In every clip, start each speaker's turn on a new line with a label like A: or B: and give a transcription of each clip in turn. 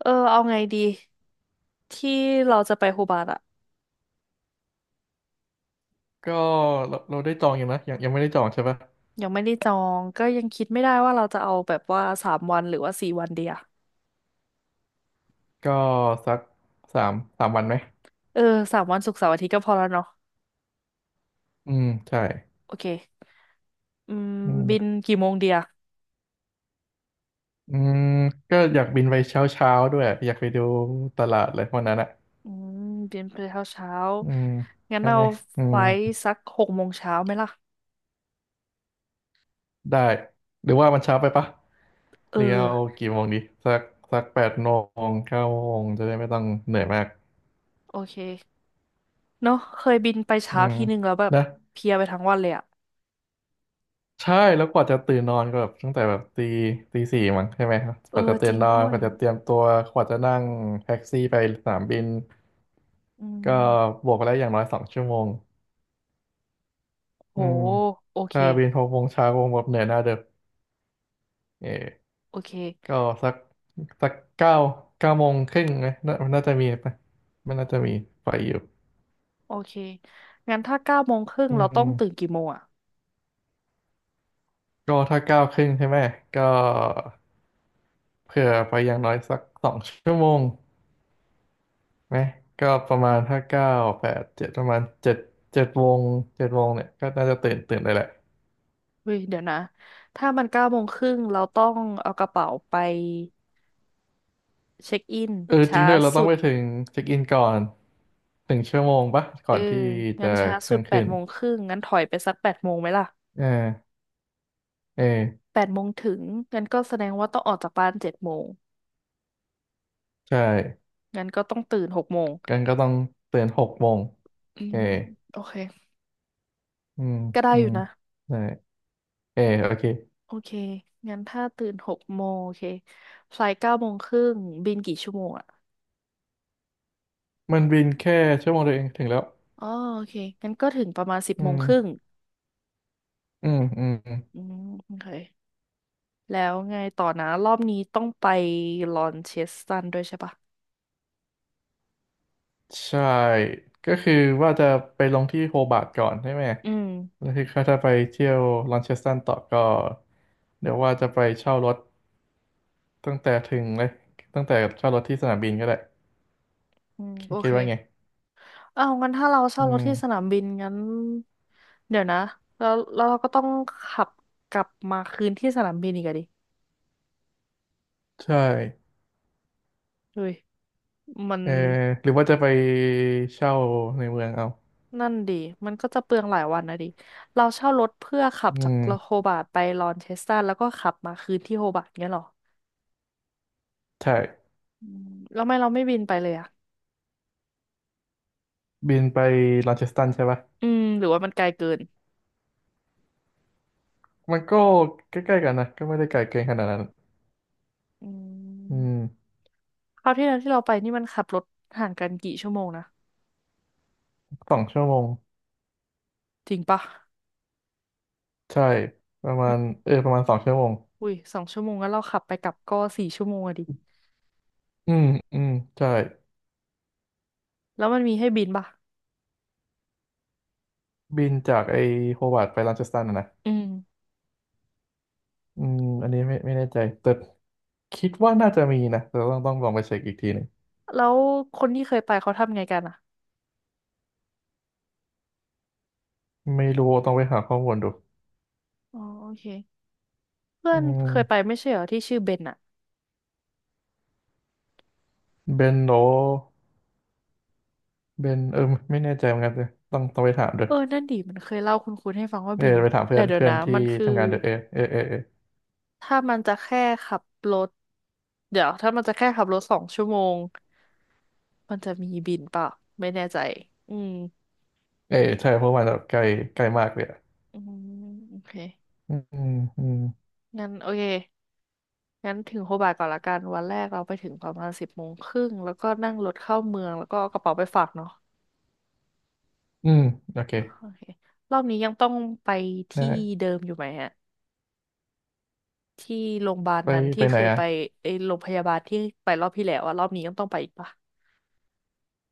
A: เออเอาไงดีที่เราจะไปโฮบาร์ตอะ
B: ก็เราได้จองอยู่นะยังไม่ได้จองใช่ปะ
A: ยังไม่ได้จองก็ยังคิดไม่ได้ว่าเราจะเอาแบบว่าสามวันหรือว่าสี่วันเดีย
B: ก็สักสามวันไหม
A: เออสามวันศุกร์เสาร์อาทิตย์ก็พอแล้วเนาะ
B: อืมใช่
A: โอเคอืม
B: อื
A: บิน
B: ม
A: กี่โมงเดีย
B: อืมก็อยากบินไปเช้าเช้าด้วยอยากไปดูตลาดเลยวันนั้นอ่ะ
A: อืมบินไปเช้าเช้า
B: อืม
A: งั้น
B: ใช่
A: เรา
B: ไหมอื
A: ไฟ
B: ม
A: ล์สักหกโมงเช้าไหมล่ะ
B: ได้หรือว่ามันเช้าไปปะ
A: เออ
B: เรียวกี่โมงดีสักสัก8 โมงเก้าโมงจะได้ไม่ต้องเหนื่อยมาก
A: โอเคเนาะเคยบินไป
B: อื
A: เช้า
B: ม
A: ทีนึงแล้วแบบ
B: นะ
A: เพลียไปทั้งวันเลยอะ
B: ใช่แล้วกว่าจะตื่นนอนก็แบบตั้งแต่แบบตีสี่มั้งใช่ไหมครับก
A: เอ
B: ว่า
A: อ
B: จะ
A: จ
B: ตื่น
A: ริง
B: นอน
A: ด้ว
B: ก
A: ย
B: ว่าจะเตรียมตัวกว่าจะนั่งแท็กซี่ไปสนามบิน
A: อื
B: ก็
A: ม
B: บวกไปแล้วอย่างน้อยสองชั่วโมง
A: โห
B: อืม
A: โอเค
B: ถ้าบิน6 โมงเช้าคงแบบเหนื่อยหน้าเด็กเออ
A: โอเค
B: ก็สักสักเก้าโมงครึ่งไหมน่าจะมีปะน่าจะมีไฟอยู่
A: โอเค งั้นถ้าเก้าโมงครึ่ง
B: อื
A: เราต้องตื่น
B: ม
A: กี่โมงอ่ะ
B: ก็ถ้า9 ครึ่งใช่ไหมก็เผื่อไปอย่างน้อยสักสองชั่วโมง นะก็ประมาณถ้าเก้าแปดเจ็ดประมาณเจ็ดเจ็ดวงเนี่ยก็น่าจะตื่นได้แหละ
A: เฮ้ยเดี๋ยวนะถ้ามันเก้าโมงครึ่งเราต้องเอากระเป๋าไปเช็คอิน
B: เออจริ
A: ช้า
B: งด้วยเราต้
A: สุ
B: อง
A: ด
B: ไปถึงเช็คอินก่อน1 ชั่วโมงปะก่
A: เอ
B: อ
A: อ
B: นที่จะ
A: งั้นช้า
B: เค
A: สุ
B: รื่อ
A: ด
B: ง
A: แป
B: ขึ้
A: ด
B: น
A: โมงครึ่งงั้นถอยไปสักแปดโมงไหมล่ะ
B: เออเออ
A: แปดโมงถึงงั้นก็แสดงว่าต้องออกจากบ้านเจ็ดโมง
B: ใช่
A: งั้นก็ต้องตื่นหกโมง
B: กันก็ต้องตื่นหกโมง
A: อื
B: เอ
A: ม
B: อ
A: โอเค
B: อืม
A: ก็ได้
B: อื
A: อยู่
B: ม
A: นะ
B: ใช่เออโอเค
A: โอเคงั้นถ้าตื่นหกโมงโอเคไฟล์เก้าโมงครึ่งบินกี่ชั่วโมงอ่ะ
B: มันบินแค่ชั่วโมงเดียวเองถึงแล้ว
A: อ๋อโอเคงั้นก็ถึงประมาณสิบ
B: อื
A: โมง
B: ม
A: ครึ่ง
B: อืมอืม
A: อืมโอเคแล้วไงต่อนะรอบนี้ต้องไปลอนเชสตันด้วยใช่ปะ
B: ใช่ก็คือว่าจะไปลงที่โฮบาร์ตก่อนใช่ไหม
A: อืม
B: แล้วที่เขาจะไปเที่ยวลอนเชสตันต่อก็เดี๋ยวว่าจะไปเช่ารถตั้งแต่ถึงเลยตั้งแต่เช่ารถที่สนามบินก็ได้
A: อืม
B: คิ
A: โอ
B: ดคิ
A: เค
B: ดว่าไง
A: เอาวงั้นถ้าเรา
B: อื
A: เช่ารถที่สนา
B: ม
A: มบินงั้นเดี๋ยวนะแล้วเราก็ต้องขับกลับมาคืนที่สนามบินอีกอะดิ
B: ใช่
A: เฮ้ยมัน
B: เออหรือว่าจะไปเช่าในเมืองเอา
A: นั่นดิมันก็จะเปลืองหลายวันนะดิเราเช่ารถเพื่อขับ
B: อื
A: จากโฮ
B: ม
A: บาร์ตไปลอนเชสตันแล้วก็ขับมาคืนที่โฮบาร์ตเงี้ยเหรอ
B: ใช่
A: อืมแล้วทำไม่เราไม่บินไปเลยอะ
B: บินไปลอนเชสตันใช่ปะ
A: อืมหรือว่ามันไกลเกิน
B: มันก็ใกล้ๆกันนะก็ไม่ได้ไกลเกินขนาดนั้น
A: อื
B: อื
A: ม
B: ม
A: คราวที่แล้วที่เราไปนี่มันขับรถห่างกันกี่ชั่วโมงนะ
B: สองชั่วโมง
A: จริงปะ
B: ใช่ประมาณเออประมาณสองชั่วโมง
A: อุ้ยสองชั่วโมงแล้วเราขับไปกลับก็สี่ชั่วโมงอะดิ
B: อืมอืมใช่
A: แล้วมันมีให้บินปะ
B: บินจากไอโฮวาร์ดไปรันเชสตันนะ
A: อืม
B: อืมอันนี้ไม่แน่ใจแต่คิดว่าน่าจะมีนะแต่ต้องลองไปเช็คอีกทีหนึ่ง
A: แล้วคนที่เคยไปเขาทำไงกันอะ
B: ไม่รู้ต้องไปหาข้อมูลดู
A: อ๋อโอเคเพื่อ
B: อื
A: นเคยไป
B: ม
A: ไม่ใช่เหรอที่ชื่อเบนอะ
B: เบนโรเบนเออไม่แน่ใจเหมือนกันเลยต้องไปถามด้ว
A: เอ
B: ย
A: อนั่นดิมันเคยเล่าคุณให้ฟังว่า
B: เออ
A: บิน
B: ไปถาม
A: แต่
B: เพื่อน
A: เดี๋ยว
B: เพื่อน
A: นะ
B: ที่
A: มันคือ
B: ทำงานเดอะAAAA
A: ถ้ามันจะแค่ขับรถเดี๋ยวถ้ามันจะแค่ขับรถสองชั่วโมงมันจะมีบินเปล่าไม่แน่ใจอืม
B: เออใช่เพราะมันแบบใกล้ใกล้มากเลยอะ
A: อืมโอเค
B: อืมอืม
A: งั้นโอเค งั้นถึงโฮบาร์ตก่อนละกัน วันแรกเราไปถึงประมาณสิบโมงครึ่งแล้วก็นั่งรถเข้าเมือง แล้วก็เอากระเป๋าไปฝากเนาะ
B: อืมโอเค
A: อ่ะโอเครอบนี้ยังต้องไปที่
B: ได้
A: เดิมอยู่ไหมฮะที่โรงพยาบาล
B: ไป
A: นั้นที่
B: ไปไห
A: เค
B: น
A: ย
B: อ่ะ
A: ไปไอ้โรงพยาบาลที่ไปรอบที่แล้วอะรอบนี้ยังต้องไปอีกปะ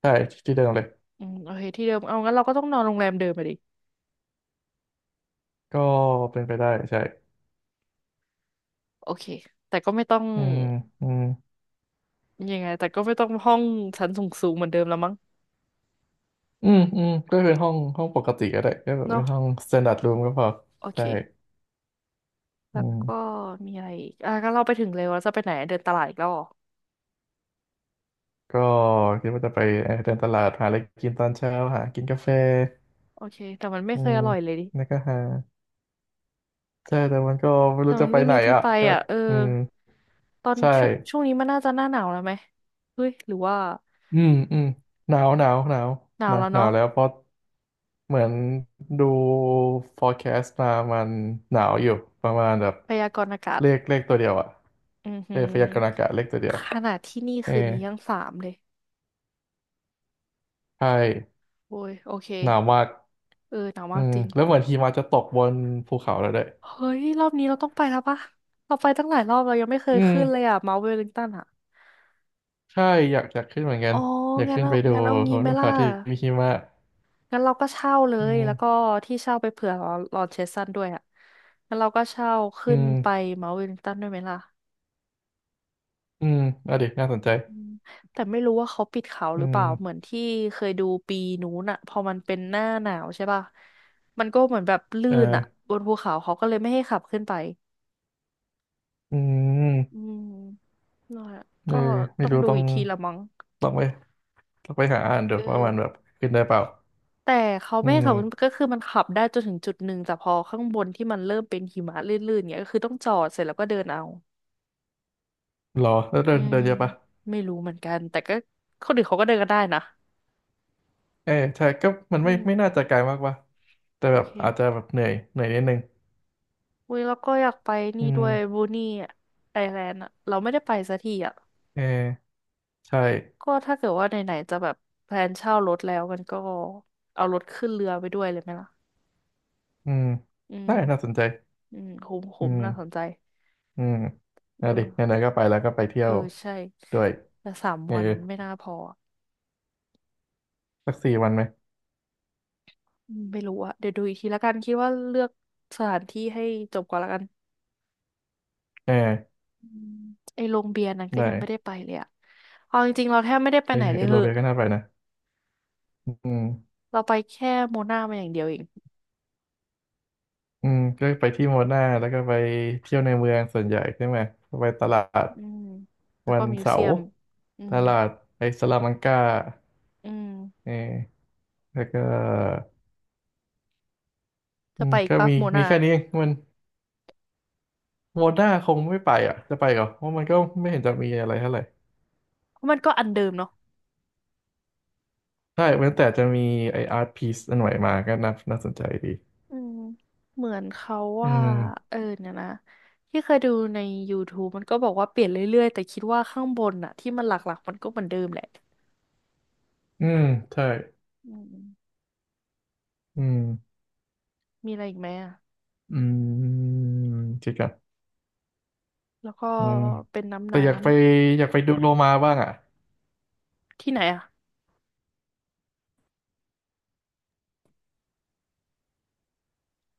B: ใช่ที่เดิมเลย
A: อืมโอเคที่เดิมเอางั้นเราก็ต้องนอนโรงแรมเดิมไปดิ
B: ก็เป็นไปได้ใช่
A: โอเค แต่ก็ไม่ต้อง
B: อืมอืม
A: ยังไงแต่ก็ไม่ต้องห้องชั้นสูงๆเหมือนเดิมแล้วมั้ง
B: อืมอืมก็เป็นห้องปกติก็ได้ก็แบบเป็
A: เนาะ
B: นห้อง standard room ก็พอ
A: โอเค
B: ใช่อื
A: แล้วก็
B: ม
A: มีอะไรอีกอ่ะก็เราไปถึงเล็วแลจะไปไหนเดินตลาดอีกแล้วเหรอ
B: ก็คิดว่าจะไปเดินตลาดหาอะไรกินตอนเช้าหากินกาแฟ
A: โอเค แต่มันไม่
B: อื
A: เคย
B: ม
A: อร่อยเลยดิ
B: แล้วก็หาใช่แต่มันก็ไม่
A: แต่
B: รู้
A: มั
B: จะ
A: น
B: ไป
A: ไม่
B: ไหน
A: มีที่
B: อ่ะ
A: ไป
B: ก็
A: อ่ะเออ
B: อืม
A: ตอน
B: ใช่
A: ช่วงนี้มันน่าจะหน้าหนาวแล้วไหมเฮ้ยหรือว่า
B: อืมอืมหนาวหนาวหนาว
A: หนา
B: ห
A: ว
B: นาว
A: แล้ว
B: หนา
A: เนาะ
B: วแล้วเพราะเหมือนดู forecast มามันหนาวอยู่ประมาณแบบ
A: พยากรณ์อากาศ
B: เลขตัวเดียวอ่ะ
A: อือ
B: เอ
A: หื
B: อ
A: อ
B: พยากรณ์อากาศเลขตัวเดียว
A: ขนาดที่นี่
B: เออ
A: คืนนี้ยังสามเลย
B: ใช่
A: โอ้ยโอเค
B: หนาวมาก
A: เออหนาว
B: อื
A: มาก
B: ม
A: จริง
B: แล้วเหมือนหิมะจะตกบนภูเขาแล้วด้วย
A: เฮ้ยรอบนี้เราต้องไปแล้วปะเราไปตั้งหลายรอบเรายังไม่เค
B: อื
A: ย
B: ม
A: ขึ้นเลยอ่ะเมาท์เวลลิงตันอ่ะ
B: ใช่ อยากขึ้นเหมือนกั
A: อ๋
B: น
A: อ
B: อยาก
A: งั้น
B: ขึ้น
A: เอา
B: ไปดู
A: งั้นเอา
B: ภ
A: งี้ไหม
B: ู
A: ล่ะ
B: เขาที่มีหิมะ
A: งั้นเราก็เช่าเล
B: อื
A: ย
B: ม
A: แล้วก็ที่เช่าไปเผื่อลอนเชสซันด้วยอ่ะงั้นเราก็เช่า
B: อื
A: ขึ้นไป
B: ม
A: เมาท์เวลลิงตันด้วยไหมล่ะ
B: อืมอ่ะดิน่าสนใจ
A: อืมแต่ไม่รู้ว่าเขาปิดเขาห
B: อื
A: รือเป
B: ม
A: ล่า เหมือนที่เคยดูปีนู้นอ่ะพอมันเป็นหน้าหนาวใช่ป่ะมันก็เหมือนแบบลื่
B: เอ
A: นอ่ะ
B: อ
A: บนภูเขาเขาก็เลยไม่ให้ขับขึ้นไป
B: อื
A: อื
B: ม
A: มนั่นแหละ
B: เอ
A: ก็
B: อไม่
A: ต้อง
B: รู้
A: ดูอีกทีละมั้ง
B: ต้องไปต้องไปหาอ่านดู
A: เออ
B: ว่ามันแบบขึ้นได้เปล่า
A: แต่เขา
B: อื
A: ไม่ให้ขับขึ้น
B: ม
A: ก็คือมันขับได้จนถึงจุดหนึ่งแต่พอข้างบนที่มันเริ่มเป็นหิมะลื่นๆเงี้ยก็คือต้องจอดเสร็จแล้วก็เดินเอา
B: รอแล้วเดิ
A: อื
B: น
A: ม
B: เดินเยอะปะ
A: ไม่รู้เหมือนกันแต่ก็คนอื่นเขาก็เดินกันได้นะ
B: เออใช่ก็มัน
A: อื
B: ไม่น่าจะ
A: ม
B: ไกลมากปะแต่
A: โอ
B: แบบ
A: เค
B: อาจจะแบบเหนื่อยเหนื่อยนิดนึง
A: อุ้ยแล้วก็อยากไป
B: อื
A: นี่ด้
B: ม
A: วยบูนี่ไอแลนด์อะเราไม่ได้ไปสักทีอะ
B: เออใช่
A: ก็ถ้าเกิดว่าไหนๆจะแบบแพลนเช่ารถแล้วกันก็เอารถขึ้นเรือไปด้วยเลยไหมล่ะ
B: อืม
A: อืม
B: ได้น่าสนใจ
A: อืมคุ้ม
B: อื
A: คุ้มน่าสน
B: ม
A: ใจ
B: อืมเอาดิไห
A: เออ
B: นๆก็ไปแล้วก็ไปเที่ย
A: เออ
B: ว
A: ใช่
B: ด้วย
A: แต่สาม
B: เออ
A: วันไม่น่าพออะ
B: สัก4 วันไหม
A: อืมไม่รู้อะเดี๋ยวดูอีกทีละกันคิดว่าเลือกสถานที่ให้จบก่อนละกัน
B: เออ
A: อืมไอ้โรงเบียร์นั้นก็
B: ได้
A: ยังไม่ได้ไปเลยอะเอาจริงๆเราแทบไม่ได้ไป
B: เออ
A: ไหนเล
B: เอ
A: ยเห
B: โล
A: อะ
B: เบียก็น่าไปนะอืม
A: เราไปแค่โมนามาอย่างเดียวเอง
B: อืมก็ไปที่โมนาแล้วก็ไปเที่ยวในเมืองส่วนใหญ่ใช่ไหมไปตลาด
A: อืม แล้ว
B: วั
A: ก็
B: น
A: มิว
B: เสา
A: เซีย
B: ร์
A: มอื
B: ต
A: ม
B: ลาดไอสลามังกา
A: อืม
B: เออแล้วก็อื
A: จะ
B: ม
A: ไปอีก
B: ก็
A: ปะ
B: มี
A: โม
B: มี
A: นา
B: แค่นี้เองมันโมนาคงไม่ไปอ่ะจะไปเหรอเพราะมันก็ไม่เห็นจะมีอะไรเท่าไหร่
A: เพราะมันก็อันเดิมเนาะ
B: ใช่เว้นแต่จะมีไออาร์ตพีซอันใหม่มาก็น่าสนใจดี
A: อืม เหมือนเขา
B: อื
A: ว่า
B: ม
A: เออเนี่ยนะที่เคยดูใน YouTube มันก็บอกว่าเปลี่ยนเรื่อยๆแต่คิดว่าข้างบนอะที่มันหลักๆมันก็เหมือนเดิมแหละ
B: อืมใช่
A: อืม
B: อืม
A: มีอะไรอีกไหมอะ
B: อืมจริงครับ
A: แล้วก็
B: อืม
A: เป็นน้ำ
B: แต่
A: น้
B: อยากไปดูโลมาบ้างอ่ะ
A: ำที่ไหนอะ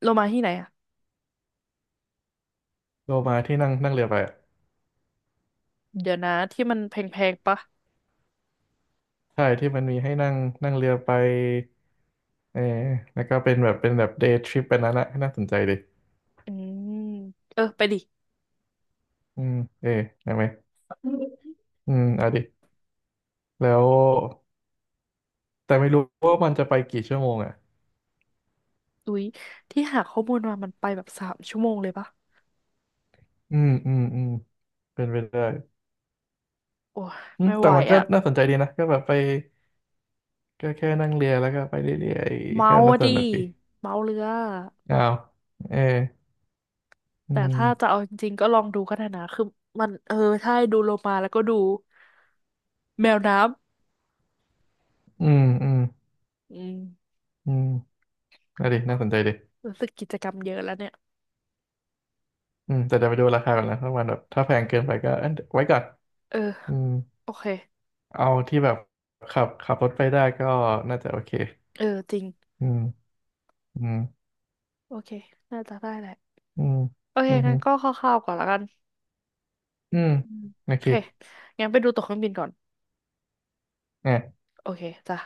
A: โลมาที่ไหนอะ
B: โลมาที่นั่งนั่งเรือไปอะ
A: เดี๋ยวนะที่มันแพงๆปะ
B: ใช่ที่มันมีให้นั่งนั่งเรือไปเออแล้วก็เป็นแบบเดย์ทริปไปนั้นอะน่าสนใจดิ
A: อืมเออไปดิ
B: อืมเออได้ไหมอืมเอาดิแล้วแต่ไม่รู้ว่ามันจะไปกี่ชั่วโมงอ่ะ
A: อุ๊ยที่หาข้อมูลมา มันไปแบบสามชั่วโมงเลยปะ
B: อืมอืมอืมเป็นไปได้
A: โอ้ย
B: อืม
A: ไม่ไห
B: แต่
A: ว
B: มันก็
A: อะ
B: น่าสนใจดีนะก็แบบไปก็แค่นั่งเรือแล้วก็ไปเรื่อยๆ
A: เมา
B: ก็น่า
A: อะ
B: ส
A: ดิ
B: นุกดี
A: เมาเรือ
B: อ้าวเอออื
A: แต่ถ้าจะ
B: ม
A: เอาจริงๆก็ลองดูก็ได้นะ คือมันเออใช่ดูโลมาแล้วก็ดูแมวน้
B: อืมอืม
A: ำ อืม
B: อืมน่าดีน่าสนใจดี
A: รู้สึกกิจกรรมเยอะแล้วเนี่ย
B: อืมแต่จะไปดูราคาก่อนนะถ้ามันแบบถ้าแพงเกินไปก็เอ้ยไว้ก่อน
A: เออ
B: อืม
A: โอเค
B: เอาที่แบบขับรถไปได้ก็น่าจะโอเค
A: เออจริง
B: อืม อืม
A: โอเคน่าจะได้แหละ
B: อืม
A: โอเค
B: อืม
A: งั้
B: ฮึ
A: นก็คร่าวๆก่อนละกัน
B: อืม
A: อืม
B: โอ
A: โอ
B: เค
A: เคงั้นไปดูตั๋วเครื่องบินก่อนโอเคจ้ะ